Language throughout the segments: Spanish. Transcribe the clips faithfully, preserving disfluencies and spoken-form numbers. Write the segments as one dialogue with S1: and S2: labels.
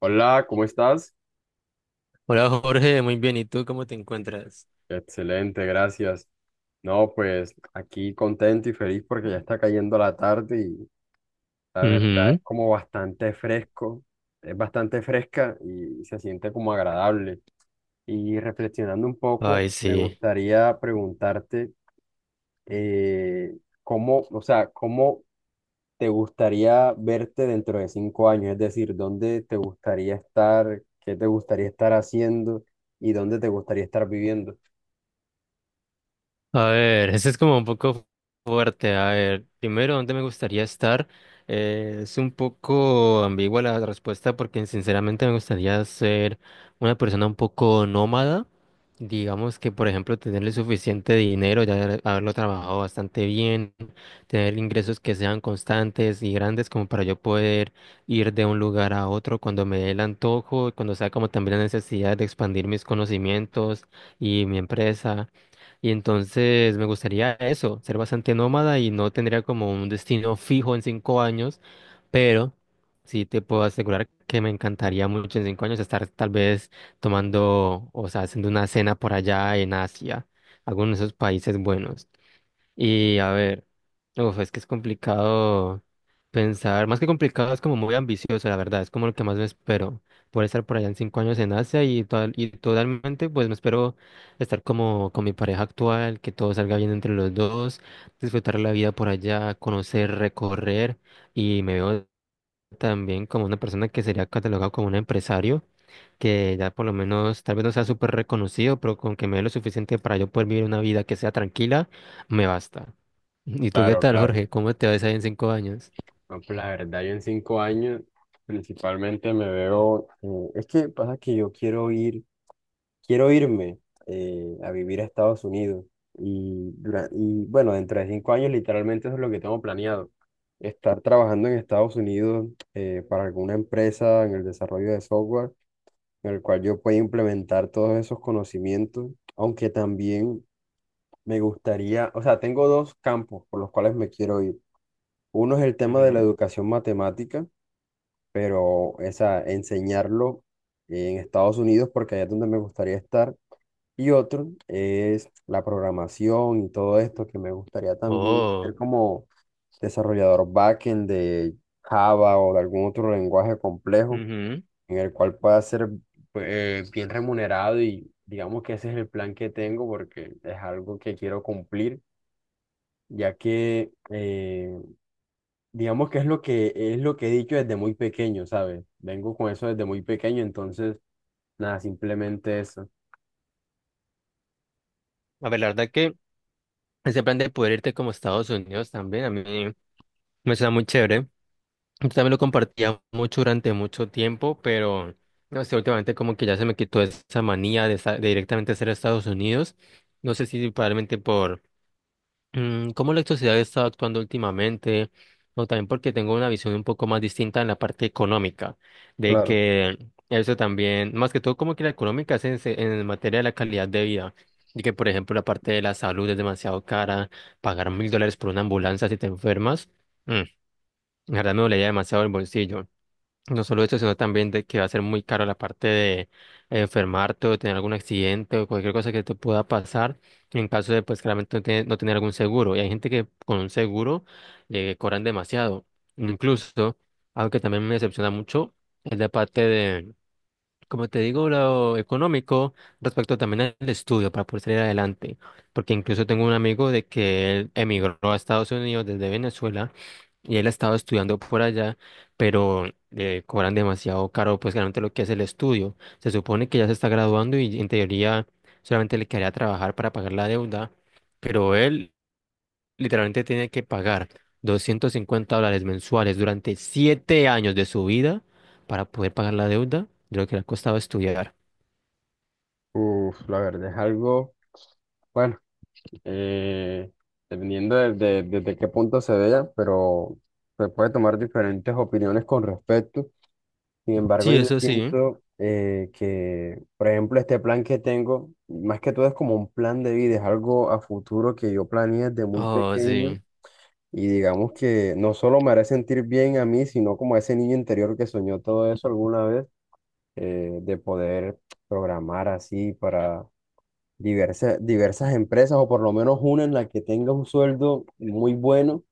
S1: Hola, ¿cómo estás?
S2: Hola Jorge, muy bien. ¿Y tú cómo te encuentras?
S1: Excelente, gracias. No, pues aquí contento y feliz porque ya está cayendo la tarde y la verdad
S2: Ujú.
S1: es como bastante fresco, es bastante fresca y se siente como agradable. Y reflexionando un poco,
S2: Ay,
S1: me
S2: sí.
S1: gustaría preguntarte eh, cómo, o sea, cómo te gustaría verte dentro de cinco años, es decir, dónde te gustaría estar, qué te gustaría estar haciendo y dónde te gustaría estar viviendo.
S2: A ver, ese es como un poco fuerte. A ver, primero, ¿dónde me gustaría estar? Eh, es un poco ambigua la respuesta porque sinceramente me gustaría ser una persona un poco nómada. Digamos que, por ejemplo, tenerle suficiente dinero, ya haber- haberlo trabajado bastante bien, tener ingresos que sean constantes y grandes como para yo poder ir de un lugar a otro cuando me dé el antojo, cuando sea como también la necesidad de expandir mis conocimientos y mi empresa. Y entonces me gustaría eso, ser bastante nómada y no tendría como un destino fijo en cinco años, pero sí te puedo asegurar que me encantaría mucho en cinco años estar tal vez tomando, o sea, haciendo una cena por allá en Asia, algunos de esos países buenos. Y a ver, uf, es que es complicado pensar, más que complicado, es como muy ambicioso, la verdad, es como lo que más me espero, poder estar por allá en cinco años en Asia y, total- y totalmente, pues me espero estar como con mi pareja actual, que todo salga bien entre los dos, disfrutar la vida por allá, conocer, recorrer, y me veo también como una persona que sería catalogado como un empresario que ya por lo menos, tal vez no sea súper reconocido, pero con que me dé lo suficiente para yo poder vivir una vida que sea tranquila, me basta. ¿Y tú qué
S1: Claro,
S2: tal,
S1: claro.
S2: Jorge? ¿Cómo te ves ahí en cinco años?
S1: No, pues la verdad, yo en cinco años principalmente me veo. Eh, es que pasa que yo quiero ir, quiero irme eh, a vivir a Estados Unidos, y, dura- y bueno, dentro de cinco años literalmente eso es lo que tengo planeado, estar trabajando en Estados Unidos, eh, para alguna empresa en el desarrollo de software en el cual yo pueda implementar todos esos conocimientos, aunque también me gustaría, o sea, tengo dos campos por los cuales me quiero ir. Uno es el tema de la
S2: Ujú.
S1: educación matemática, pero esa enseñarlo en Estados Unidos porque allá es donde me gustaría estar. Y otro es la programación y todo esto, que me gustaría también ser
S2: Oh,
S1: como desarrollador backend de Java o de algún otro lenguaje complejo
S2: ujú.
S1: en el cual pueda ser eh, bien remunerado. Y digamos que ese es el plan que tengo, porque es algo que quiero cumplir, ya que eh, digamos que es lo que es lo que he dicho desde muy pequeño, ¿sabes? Vengo con eso desde muy pequeño, entonces, nada, simplemente eso.
S2: A ver, la verdad que ese plan de poder irte como a Estados Unidos también, a mí me suena muy chévere. Yo también lo compartía mucho durante mucho tiempo, pero no sé, últimamente como que ya se me quitó esa manía de, sa- de directamente ser a Estados Unidos. No sé si probablemente por mm, cómo la sociedad está actuando últimamente, o también porque tengo una visión un poco más distinta en la parte económica, de
S1: Claro,
S2: que eso también, más que todo como que la económica es en, se- en materia de la calidad de vida, y que por ejemplo la parte de la salud es demasiado cara, pagar mil dólares por una ambulancia si te enfermas, mm, la verdad me dolería demasiado el bolsillo. No solo eso, sino también de que va a ser muy caro la parte de enfermarte o tener algún accidente o cualquier cosa que te pueda pasar en caso de, pues, claramente no tener, no tener algún seguro. Y hay gente que con un seguro le cobran demasiado. Incluso, algo que también me decepciona mucho es la parte como te digo, lo económico respecto también al estudio para poder salir adelante, porque incluso tengo un amigo de que él emigró a Estados Unidos desde Venezuela y él ha estado estudiando por allá, pero eh, cobran demasiado caro, pues realmente lo que es el estudio. Se supone que ya se está graduando y en teoría solamente le quedaría trabajar para pagar la deuda, pero él literalmente tiene que pagar doscientos cincuenta dólares mensuales durante siete años de su vida para poder pagar la deuda de lo que le ha costado estudiar.
S1: uf, la verdad es algo, bueno, eh, dependiendo de, de- desde qué punto se vea, pero se puede tomar diferentes opiniones con respecto. Sin embargo,
S2: Sí,
S1: yo
S2: eso sí.
S1: siento, eh, que, por ejemplo, este plan que tengo, más que todo es como un plan de vida, es algo a futuro que yo planeé desde muy
S2: Oh,
S1: pequeño.
S2: sí.
S1: Y digamos que no solo me hará sentir bien a mí, sino como a ese niño interior que soñó todo eso alguna vez, eh, de poder programar así para diversas, diversas empresas, o por lo menos una en la que tenga un sueldo muy bueno.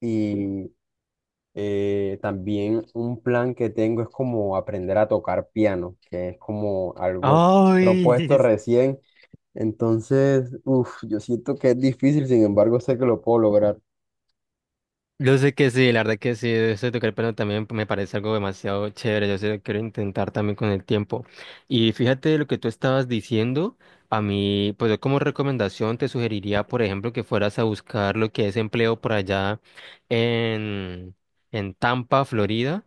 S1: Y eh, también un plan que tengo es como aprender a tocar piano, que es como algo
S2: Ay,
S1: propuesto recién. Entonces, uff, yo siento que es difícil, sin embargo, sé que lo puedo lograr.
S2: Yo sé que sí, la verdad que sí, eso de tocar el piano también me parece algo demasiado chévere, yo sé que quiero intentar también con el tiempo. Y fíjate lo que tú estabas diciendo, a mí, pues yo como recomendación te sugeriría, por ejemplo, que fueras a buscar lo que es empleo por allá en, en Tampa, Florida,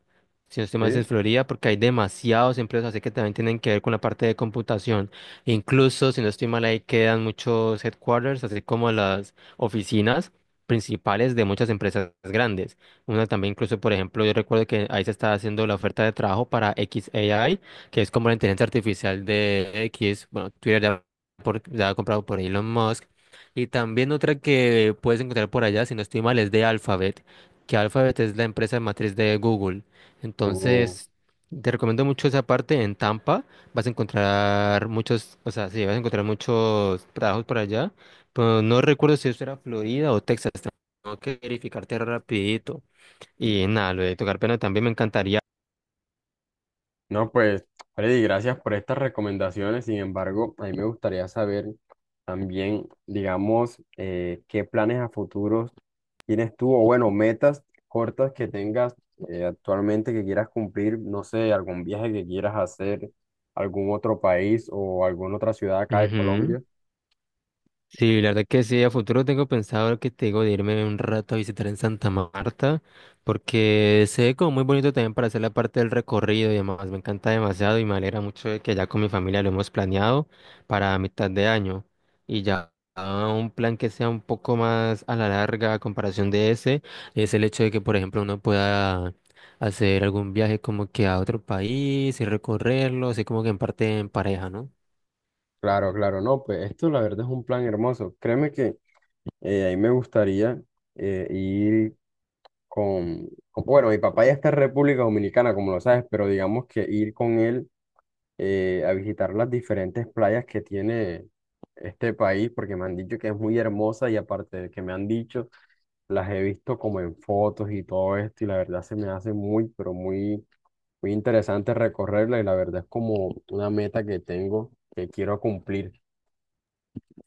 S2: si no estoy mal es en
S1: Sí.
S2: Florida, porque hay demasiados empleos, así que también tienen que ver con la parte de computación. Incluso, si no estoy mal, ahí quedan muchos headquarters, así como las oficinas principales de muchas empresas grandes. Una también incluso, por ejemplo, yo recuerdo que ahí se está haciendo la oferta de trabajo para X A I, que es como la inteligencia artificial de X, bueno, Twitter ya, por- ya ha comprado por Elon Musk. Y también otra que puedes encontrar por allá, si no estoy mal, es de Alphabet, que Alphabet es la empresa matriz de Google. Entonces, te recomiendo mucho esa parte en Tampa. Vas a encontrar muchos, o sea, sí, vas a encontrar muchos trabajos por allá. Pero no recuerdo si eso era Florida o Texas. Tengo que verificarte rapidito. Y nada, lo de tocar piano también me encantaría.
S1: No, pues, Freddy, gracias por estas recomendaciones. Sin embargo, a mí me gustaría saber también, digamos, eh, qué planes a futuros tienes tú, o bueno, metas cortas que tengas, eh, actualmente, que quieras cumplir, no sé, algún viaje que quieras hacer, algún otro país o alguna otra ciudad acá de
S2: Ujú.
S1: Colombia.
S2: Sí, la verdad que sí, a futuro tengo pensado lo que te digo de irme un rato a visitar en Santa Marta, porque se ve como muy bonito también para hacer la parte del recorrido y demás. Me encanta demasiado y me alegra mucho de que ya con mi familia lo hemos planeado para mitad de año. Y ya ah, un plan que sea un poco más a la larga a comparación de ese, es el hecho de que, por ejemplo, uno pueda hacer algún viaje como que a otro país y recorrerlo, así como que en parte en pareja, ¿no?
S1: Claro, claro, no, pues esto la verdad es un plan hermoso. Créeme que eh, a mí me gustaría eh, ir. Con, con- bueno, mi papá ya está en República Dominicana, como lo sabes, pero digamos que ir con él eh, a visitar las diferentes playas que tiene este país, porque me han dicho que es muy hermosa y aparte de que me han dicho, las he visto como en fotos y todo esto, y la verdad se me hace muy, pero muy, muy interesante recorrerla, y la verdad es como una meta que tengo que quiero cumplir.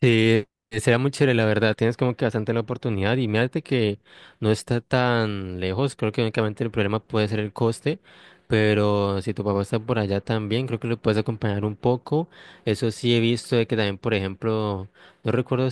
S2: Sí, sería muy chévere, la verdad. Tienes como que bastante la oportunidad y mírate que no está tan lejos. Creo que únicamente el problema puede ser el coste, pero si tu papá está por allá también, creo que lo puedes acompañar un poco. Eso sí he visto de que también, por ejemplo, no recuerdo.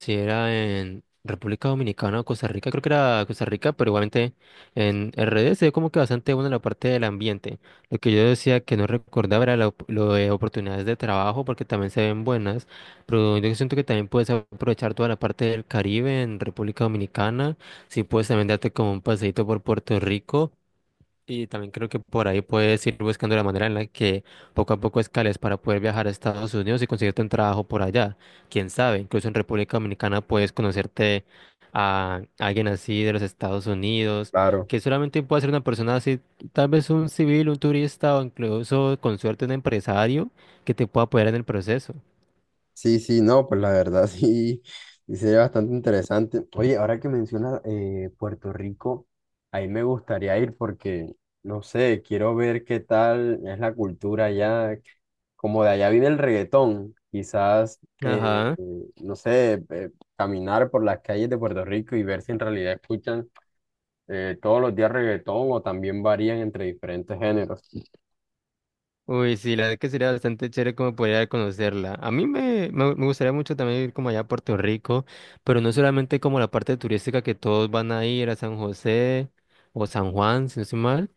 S2: Sí, era en República Dominicana o Costa Rica, creo que era Costa Rica, pero igualmente en R D se ve como que bastante buena la parte del ambiente. Lo que yo decía que no recordaba era la op- lo de oportunidades de trabajo, porque también se ven buenas, pero yo siento que también puedes aprovechar toda la parte del Caribe en República Dominicana, si puedes también darte como un paseíto por Puerto Rico y también creo que por ahí puedes ir buscando la manera en la que poco a poco escales para poder viajar a Estados Unidos y conseguirte un trabajo por allá. Quién sabe, incluso en República Dominicana puedes conocerte a alguien así de los Estados Unidos,
S1: Claro.
S2: que solamente puede ser una persona así, tal vez un civil, un turista o incluso con suerte un empresario que te pueda apoyar en el proceso.
S1: Sí, sí, no, pues la verdad sí, sí sería bastante interesante. Oye, ahora que mencionas eh, Puerto Rico, ahí me gustaría ir porque, no sé, quiero ver qué tal es la cultura allá, como de allá viene el reggaetón, quizás, eh,
S2: Ajá.
S1: no sé, eh, caminar por las calles de Puerto Rico y ver si en realidad escuchan, eh, todos los días reggaetón, o también varían entre diferentes géneros.
S2: Uy, sí, la verdad que sería bastante chévere como poder conocerla. A mí me, me, me gustaría mucho también ir como allá a Puerto Rico, pero no solamente como la parte turística que todos van a ir a San José o San Juan, si no estoy mal,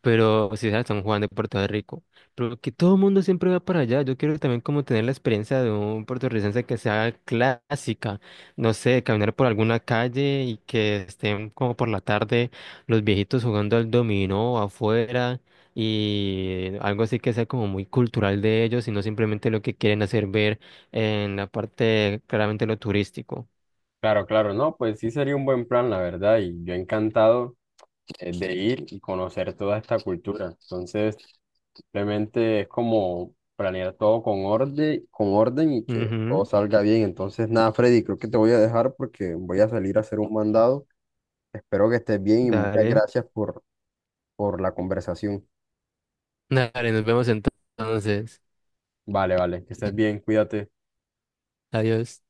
S2: pero o si sea San Juan de Puerto Rico. Pero que todo el mundo siempre va para allá. Yo quiero también como tener la experiencia de un puertorricense que sea clásica, no sé, caminar por alguna calle y que estén como por la tarde los viejitos jugando al dominó afuera y algo así que sea como muy cultural de ellos y no simplemente lo que quieren hacer ver en la parte claramente lo turístico.
S1: Claro, claro, no, pues sí sería un buen plan, la verdad, y yo encantado eh, de ir y conocer toda esta cultura. Entonces, simplemente es como planear todo con orden, con orden, y que todo
S2: Ujú,
S1: salga bien. Entonces, nada, Freddy, creo que te voy a dejar porque voy a salir a hacer un mandado. Espero que estés bien y muchas
S2: dale,
S1: gracias por, por la conversación.
S2: dale, nos vemos entonces.
S1: Vale, vale, que estés bien, cuídate.
S2: Adiós.